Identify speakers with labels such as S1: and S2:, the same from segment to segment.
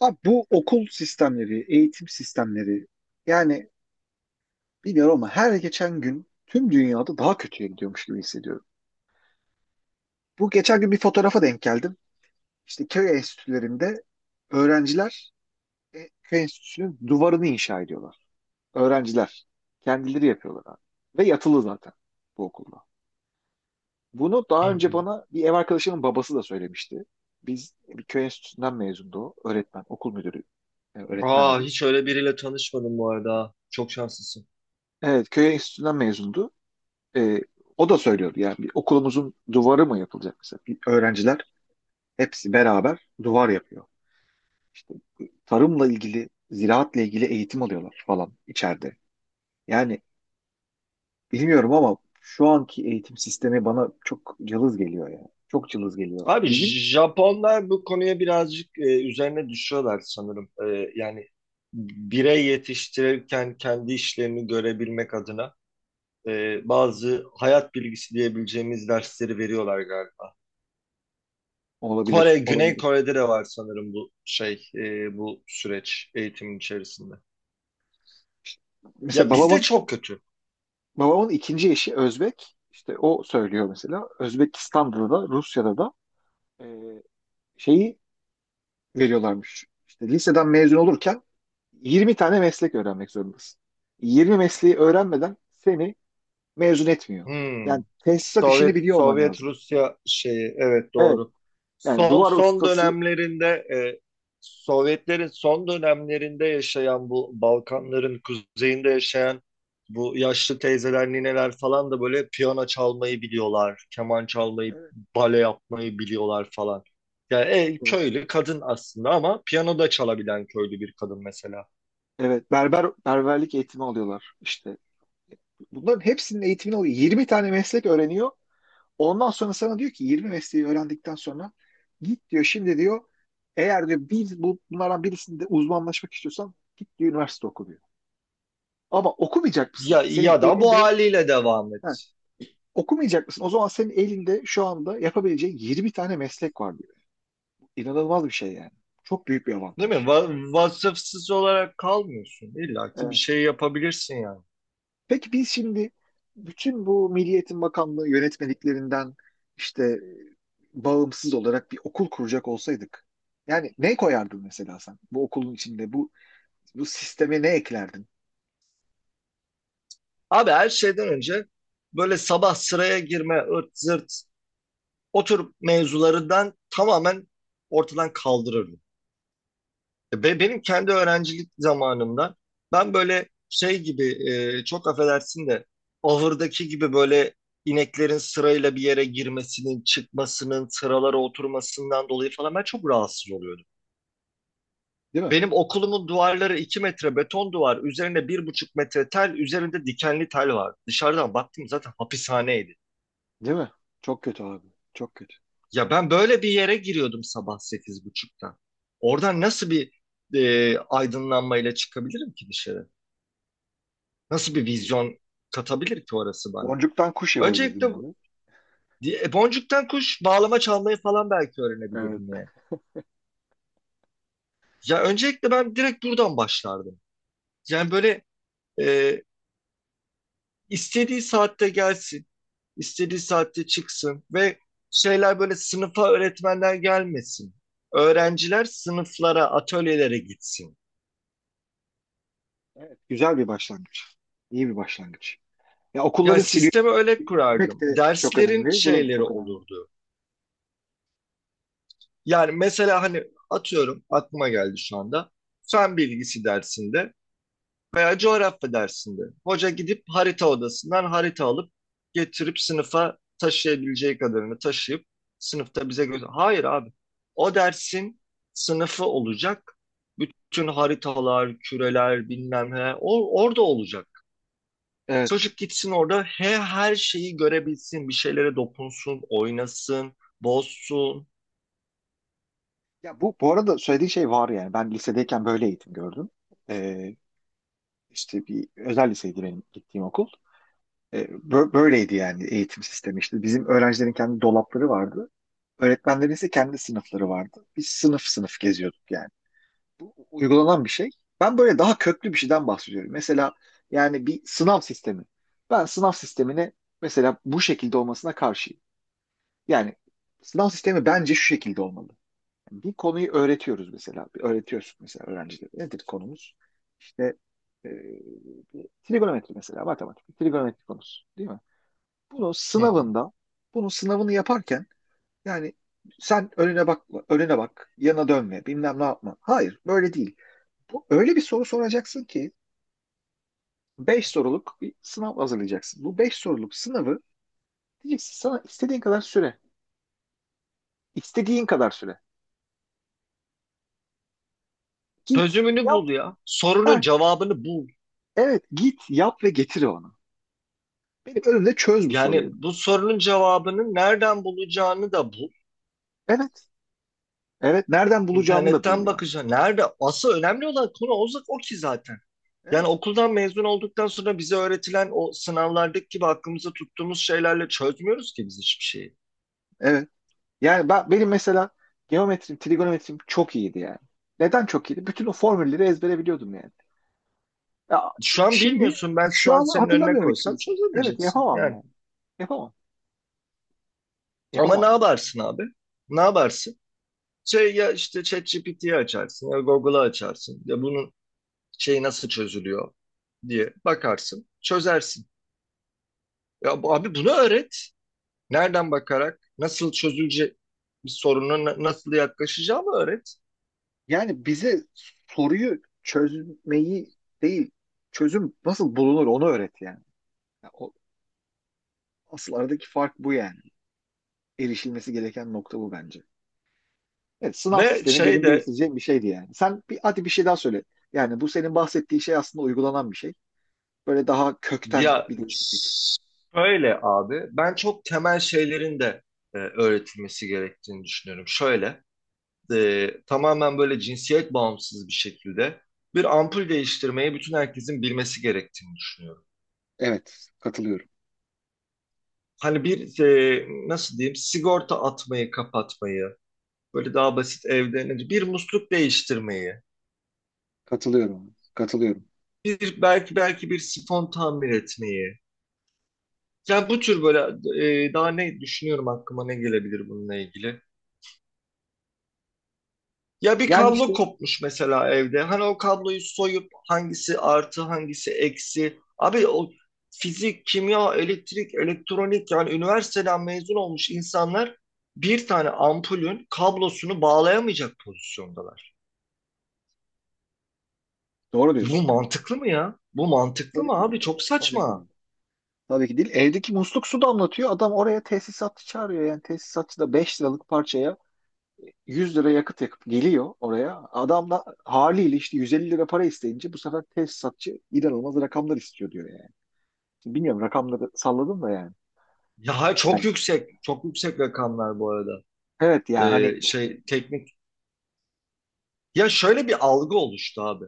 S1: Abi bu okul sistemleri, eğitim sistemleri yani bilmiyorum ama her geçen gün tüm dünyada daha kötüye gidiyormuş gibi hissediyorum. Bu geçen gün bir fotoğrafa denk geldim. İşte köy enstitülerinde öğrenciler köy enstitüsünün duvarını inşa ediyorlar. Öğrenciler kendileri yapıyorlar abi. Ve yatılı zaten bu okulda. Bunu
S2: Hı
S1: daha önce
S2: hı.
S1: bana bir ev arkadaşımın babası da söylemişti. Biz bir köy enstitüsünden mezundu o. Öğretmen, okul müdürü
S2: Aa,
S1: öğretmendi.
S2: hiç öyle biriyle tanışmadım bu arada. Çok şanslısın.
S1: Evet, köy enstitüsünden mezundu. e, O da söylüyordu yani bir okulumuzun duvarı mı yapılacak mesela? Bir öğrenciler hepsi beraber duvar yapıyor. İşte tarımla ilgili, ziraatla ilgili eğitim alıyorlar falan içeride. Yani bilmiyorum ama şu anki eğitim sistemi bana çok cılız geliyor ya. Çok cılız geliyor.
S2: Abi
S1: Bizim
S2: Japonlar bu konuya birazcık üzerine düşüyorlar sanırım. Yani birey yetiştirirken kendi işlerini görebilmek adına bazı hayat bilgisi diyebileceğimiz dersleri veriyorlar galiba. Kore,
S1: olabilir,
S2: Güney
S1: olabilir.
S2: Kore'de de var sanırım bu süreç eğitimin içerisinde.
S1: İşte mesela
S2: Ya bizde
S1: babamın
S2: çok kötü.
S1: babamın ikinci eşi Özbek. İşte o söylüyor mesela. Özbekistan'da da Rusya'da da e, şeyi veriyorlarmış. İşte liseden mezun olurken 20 tane meslek öğrenmek zorundasın. 20 mesleği öğrenmeden seni mezun etmiyor.
S2: Hmm.
S1: Yani tesisat işini
S2: Sovyet
S1: biliyor olman
S2: Sovyet
S1: lazım.
S2: Rusya şeyi evet
S1: Evet.
S2: doğru.
S1: Yani
S2: Son
S1: duvar
S2: son
S1: ustası,
S2: dönemlerinde e, Sovyetlerin son dönemlerinde yaşayan bu Balkanların kuzeyinde yaşayan bu yaşlı teyzeler, nineler falan da böyle piyano çalmayı biliyorlar, keman çalmayı,
S1: evet,
S2: bale yapmayı biliyorlar falan. Yani
S1: evet,
S2: köylü kadın aslında ama piyano da çalabilen köylü bir kadın mesela.
S1: evet, berberlik eğitimi alıyorlar. İşte bunların hepsinin eğitimini alıyor. 20 tane meslek öğreniyor. Ondan sonra sana diyor ki 20 mesleği öğrendikten sonra git diyor şimdi diyor eğer diyor bunlardan birisinde uzmanlaşmak istiyorsan git diyor üniversite oku. Ama okumayacak mısın?
S2: Ya
S1: Senin
S2: ya da bu
S1: elinde
S2: haliyle devam
S1: ha,
S2: et.
S1: okumayacak mısın? O zaman senin elinde şu anda yapabileceğin 20 tane meslek var diyor. İnanılmaz bir şey yani. Çok büyük bir
S2: Değil mi?
S1: avantaj.
S2: Vasıfsız olarak kalmıyorsun. İlla ki bir
S1: Evet.
S2: şey yapabilirsin yani.
S1: Peki biz şimdi bütün bu Milli Eğitim Bakanlığı yönetmeliklerinden işte e, bağımsız olarak bir okul kuracak olsaydık yani ne koyardın mesela sen bu okulun içinde bu sisteme ne eklerdin?
S2: Abi her şeyden önce böyle sabah sıraya girme, ırt zırt o tür mevzularından tamamen ortadan kaldırırdım. E, Be benim kendi öğrencilik zamanımda ben böyle şey gibi çok affedersin de ahırdaki gibi böyle ineklerin sırayla bir yere girmesinin, çıkmasının, sıralara oturmasından dolayı falan ben çok rahatsız oluyordum.
S1: Değil mi?
S2: Benim okulumun duvarları 2 metre beton duvar, üzerine 1,5 metre tel, üzerinde dikenli tel var. Dışarıdan baktım zaten hapishaneydi.
S1: Değil mi? Çok kötü abi. Çok kötü.
S2: Ya ben böyle bir yere giriyordum sabah 8.30'da. Oradan nasıl bir aydınlanmayla çıkabilirim ki dışarı? Nasıl bir vizyon katabilir ki orası bana?
S1: Boncuktan kuş yapabilirdin
S2: Öncelikle
S1: abi.
S2: boncuktan kuş bağlama çalmayı falan belki
S1: Evet.
S2: öğrenebilirdim yani. Ya öncelikle ben direkt buradan başlardım. Yani böyle e, istediği saatte gelsin. İstediği saatte çıksın ve şeyler böyle sınıfa öğretmenler gelmesin. Öğrenciler sınıflara, atölyelere gitsin.
S1: Evet, güzel bir başlangıç. İyi bir başlangıç. Ya okulları
S2: Yani
S1: siliyor-
S2: sistemi öyle
S1: silmek
S2: kurardım.
S1: de çok
S2: Derslerin
S1: önemli. Bu da
S2: şeyleri
S1: çok önemli.
S2: olurdu. Yani mesela hani atıyorum aklıma geldi şu anda. Fen bilgisi dersinde veya coğrafya dersinde. Hoca gidip harita odasından harita alıp getirip sınıfa taşıyabileceği kadarını taşıyıp sınıfta bize göster. Hayır abi. O dersin sınıfı olacak. Bütün haritalar, küreler bilmem ne o, orada olacak.
S1: Evet.
S2: Çocuk gitsin orada her şeyi görebilsin, bir şeylere dokunsun, oynasın, bozsun.
S1: Ya bu arada söylediğin şey var yani. Ben lisedeyken böyle eğitim gördüm. Ee, işte bir özel liseydi benim gittiğim okul. Böyleydi yani eğitim sistemi. İşte. Bizim öğrencilerin kendi dolapları vardı. Öğretmenlerin ise kendi sınıfları vardı. Biz sınıf sınıf geziyorduk yani. Bu uygulanan bir şey. Ben böyle daha köklü bir şeyden bahsediyorum. Mesela yani bir sınav sistemi. Ben sınav sistemini mesela bu şekilde olmasına karşıyım. Yani sınav sistemi bence şu şekilde olmalı. Bir konuyu öğretiyoruz mesela. Bir öğretiyoruz mesela öğrencilere. Nedir konumuz? İşte e, Trigonometri mesela matematik. Trigonometri konusu değil mi? Bunu
S2: Hı hı.
S1: sınavında Bunun sınavını yaparken yani sen önüne bak, önüne bak, yana dönme, bilmem ne yapma. Hayır, böyle değil. Bu, öyle bir soru soracaksın ki 5 soruluk bir sınav hazırlayacaksın. Bu 5 soruluk sınavı diyeceksin sana istediğin kadar süre. İstediğin kadar süre. Git,
S2: Çözümünü
S1: yap.
S2: bul ya. Sorunun
S1: Ha,
S2: cevabını bul.
S1: evet git, yap ve getir onu. Benim önümde çöz bu soruyu.
S2: Yani bu sorunun cevabını nereden bulacağını da bul.
S1: Evet. Evet. Nereden bulacağını da bul
S2: İnternetten
S1: yani.
S2: bakacaksın. Nerede? Asıl önemli olan konu o ki zaten. Yani
S1: Evet.
S2: okuldan mezun olduktan sonra bize öğretilen o sınavlardaki gibi aklımıza tuttuğumuz şeylerle çözmüyoruz ki biz hiçbir şeyi.
S1: Evet. Yani benim mesela geometrim, trigonometrim çok iyiydi yani. Neden çok iyiydi? Bütün o formülleri ezbere biliyordum yani. Ya,
S2: Şu an
S1: şimdi
S2: bilmiyorsun. Ben şu
S1: şu
S2: an
S1: an
S2: senin önüne
S1: hatırlamıyorum
S2: koysam
S1: hiçbirisini. Evet
S2: çözemeyeceksin.
S1: yapamam
S2: Yani.
S1: yani. Yapamam.
S2: Ama ne
S1: Yapamam yani.
S2: yaparsın abi? Ne yaparsın? Şey ya işte ChatGPT'yi açarsın ya Google'ı açarsın. Ya bunun şeyi nasıl çözülüyor diye bakarsın. Çözersin. Ya abi bunu öğret. Nereden bakarak nasıl çözülecek bir soruna nasıl yaklaşacağımı öğret.
S1: Yani bize soruyu çözmeyi değil, çözüm nasıl bulunur onu öğret yani. Ya o, Asıl aradaki fark bu yani. Erişilmesi gereken nokta bu bence. Evet, sınav
S2: Ve
S1: sistemi
S2: şey
S1: benim
S2: de
S1: değiştireceğim bir şeydi yani. Sen bir, hadi bir şey daha söyle. Yani bu senin bahsettiğin şey aslında uygulanan bir şey. Böyle daha kökten
S2: ya
S1: bir değişiklik.
S2: şöyle abi ben çok temel şeylerin de öğretilmesi gerektiğini düşünüyorum. Şöyle tamamen böyle cinsiyet bağımsız bir şekilde bir ampul değiştirmeyi bütün herkesin bilmesi gerektiğini düşünüyorum.
S1: Evet, katılıyorum.
S2: Hani bir nasıl diyeyim sigorta atmayı kapatmayı böyle daha basit evden bir musluk değiştirmeyi
S1: Katılıyorum. Katılıyorum.
S2: bir belki bir sifon tamir etmeyi. Yani bu tür böyle daha ne düşünüyorum aklıma ne gelebilir bununla ilgili. Ya bir
S1: Yani işte
S2: kablo kopmuş mesela evde. Hani o kabloyu soyup hangisi artı hangisi eksi. Abi o fizik, kimya, elektrik, elektronik yani üniversiteden mezun olmuş insanlar bir tane ampulün kablosunu bağlayamayacak pozisyondalar.
S1: doğru
S2: Bu
S1: diyorsun ya.
S2: mantıklı mı ya? Bu mantıklı
S1: Tabii
S2: mı
S1: ki
S2: abi?
S1: değil.
S2: Çok
S1: Tabii ki
S2: saçma.
S1: değil. Tabii ki değil. Evdeki musluk su damlatıyor. Adam oraya tesisatçı çağırıyor. Yani tesisatçı da 5 liralık parçaya 100 lira yakıt yakıp geliyor oraya. Adam da haliyle işte 150 lira para isteyince bu sefer tesisatçı inanılmaz rakamlar istiyor diyor yani. Şimdi bilmiyorum rakamları salladım da yani.
S2: Ya çok
S1: Yani
S2: yüksek. Çok yüksek rakamlar bu arada.
S1: evet ya hani
S2: Şey teknik. Ya şöyle bir algı oluştu abi.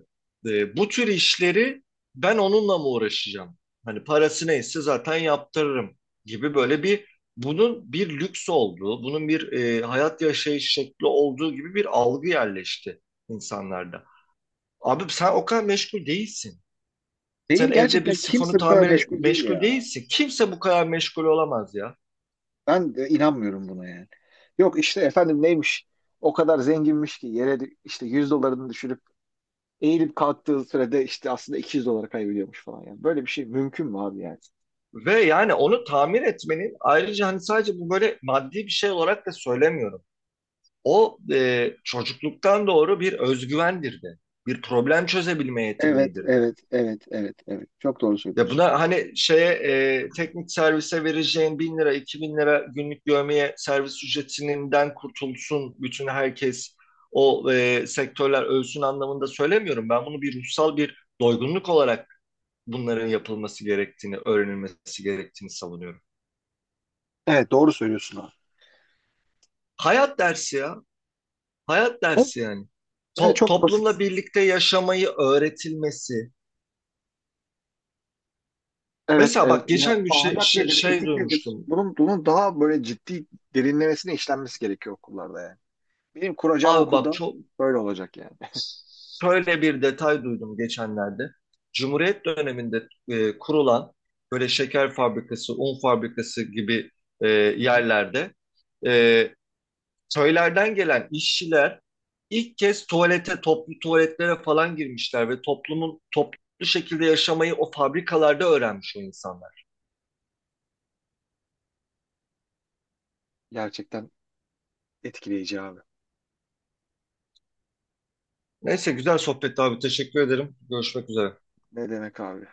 S2: Bu tür işleri ben onunla mı uğraşacağım? Hani parası neyse zaten yaptırırım gibi böyle bir bunun bir lüks olduğu, bunun bir hayat yaşayış şekli olduğu gibi bir algı yerleşti insanlarda. Abi sen o kadar meşgul değilsin. Sen
S1: değil
S2: evde bir
S1: gerçekten
S2: sifonu
S1: kimse bu kadar
S2: tamir
S1: meşgul değil
S2: meşgul
S1: ya.
S2: değilsin. Kimse bu kadar meşgul olamaz ya.
S1: Ben de inanmıyorum buna yani. Yok işte efendim neymiş o kadar zenginmiş ki yere işte 100 dolarını düşürüp eğilip kalktığı sürede işte aslında 200 dolar kaybediyormuş falan yani. Böyle bir şey mümkün mü abi yani?
S2: Ve yani onu tamir etmenin ayrıca hani sadece bu böyle maddi bir şey olarak da söylemiyorum. O çocukluktan doğru bir özgüvendir de. Bir problem çözebilme
S1: Evet,
S2: yeteneğidir de.
S1: evet, evet, evet, evet. Çok doğru
S2: Ya
S1: söylüyorsun.
S2: buna hani teknik servise vereceğin 1.000 lira, 2.000 lira günlük dövmeye servis ücretinden kurtulsun bütün herkes o sektörler ölsün anlamında söylemiyorum. Ben bunu bir ruhsal bir doygunluk olarak bunların yapılması gerektiğini, öğrenilmesi gerektiğini savunuyorum.
S1: Evet, doğru söylüyorsun abi.
S2: Hayat dersi ya. Hayat
S1: Evet,
S2: dersi yani.
S1: evet, çok basit.
S2: Toplumla birlikte yaşamayı öğretilmesi.
S1: Evet,
S2: Mesela
S1: evet.
S2: bak
S1: Ya
S2: geçen gün
S1: ahlak nedir,
S2: şey
S1: etik nedir?
S2: duymuştum.
S1: Bunun, bunun daha böyle ciddi derinlemesine işlenmesi gerekiyor okullarda yani. Benim kuracağım
S2: Abi bak
S1: okulda
S2: çok
S1: böyle olacak yani.
S2: şöyle bir detay duydum geçenlerde. Cumhuriyet döneminde kurulan böyle şeker fabrikası, un fabrikası gibi e,
S1: Hı hı.
S2: yerlerde e, köylerden gelen işçiler ilk kez tuvalete, toplu tuvaletlere falan girmişler ve toplumun toplu şekilde yaşamayı o fabrikalarda öğrenmiş o insanlar.
S1: Gerçekten etkileyici abi.
S2: Neyse güzel sohbetti abi. Teşekkür ederim. Görüşmek üzere.
S1: Ne demek abi?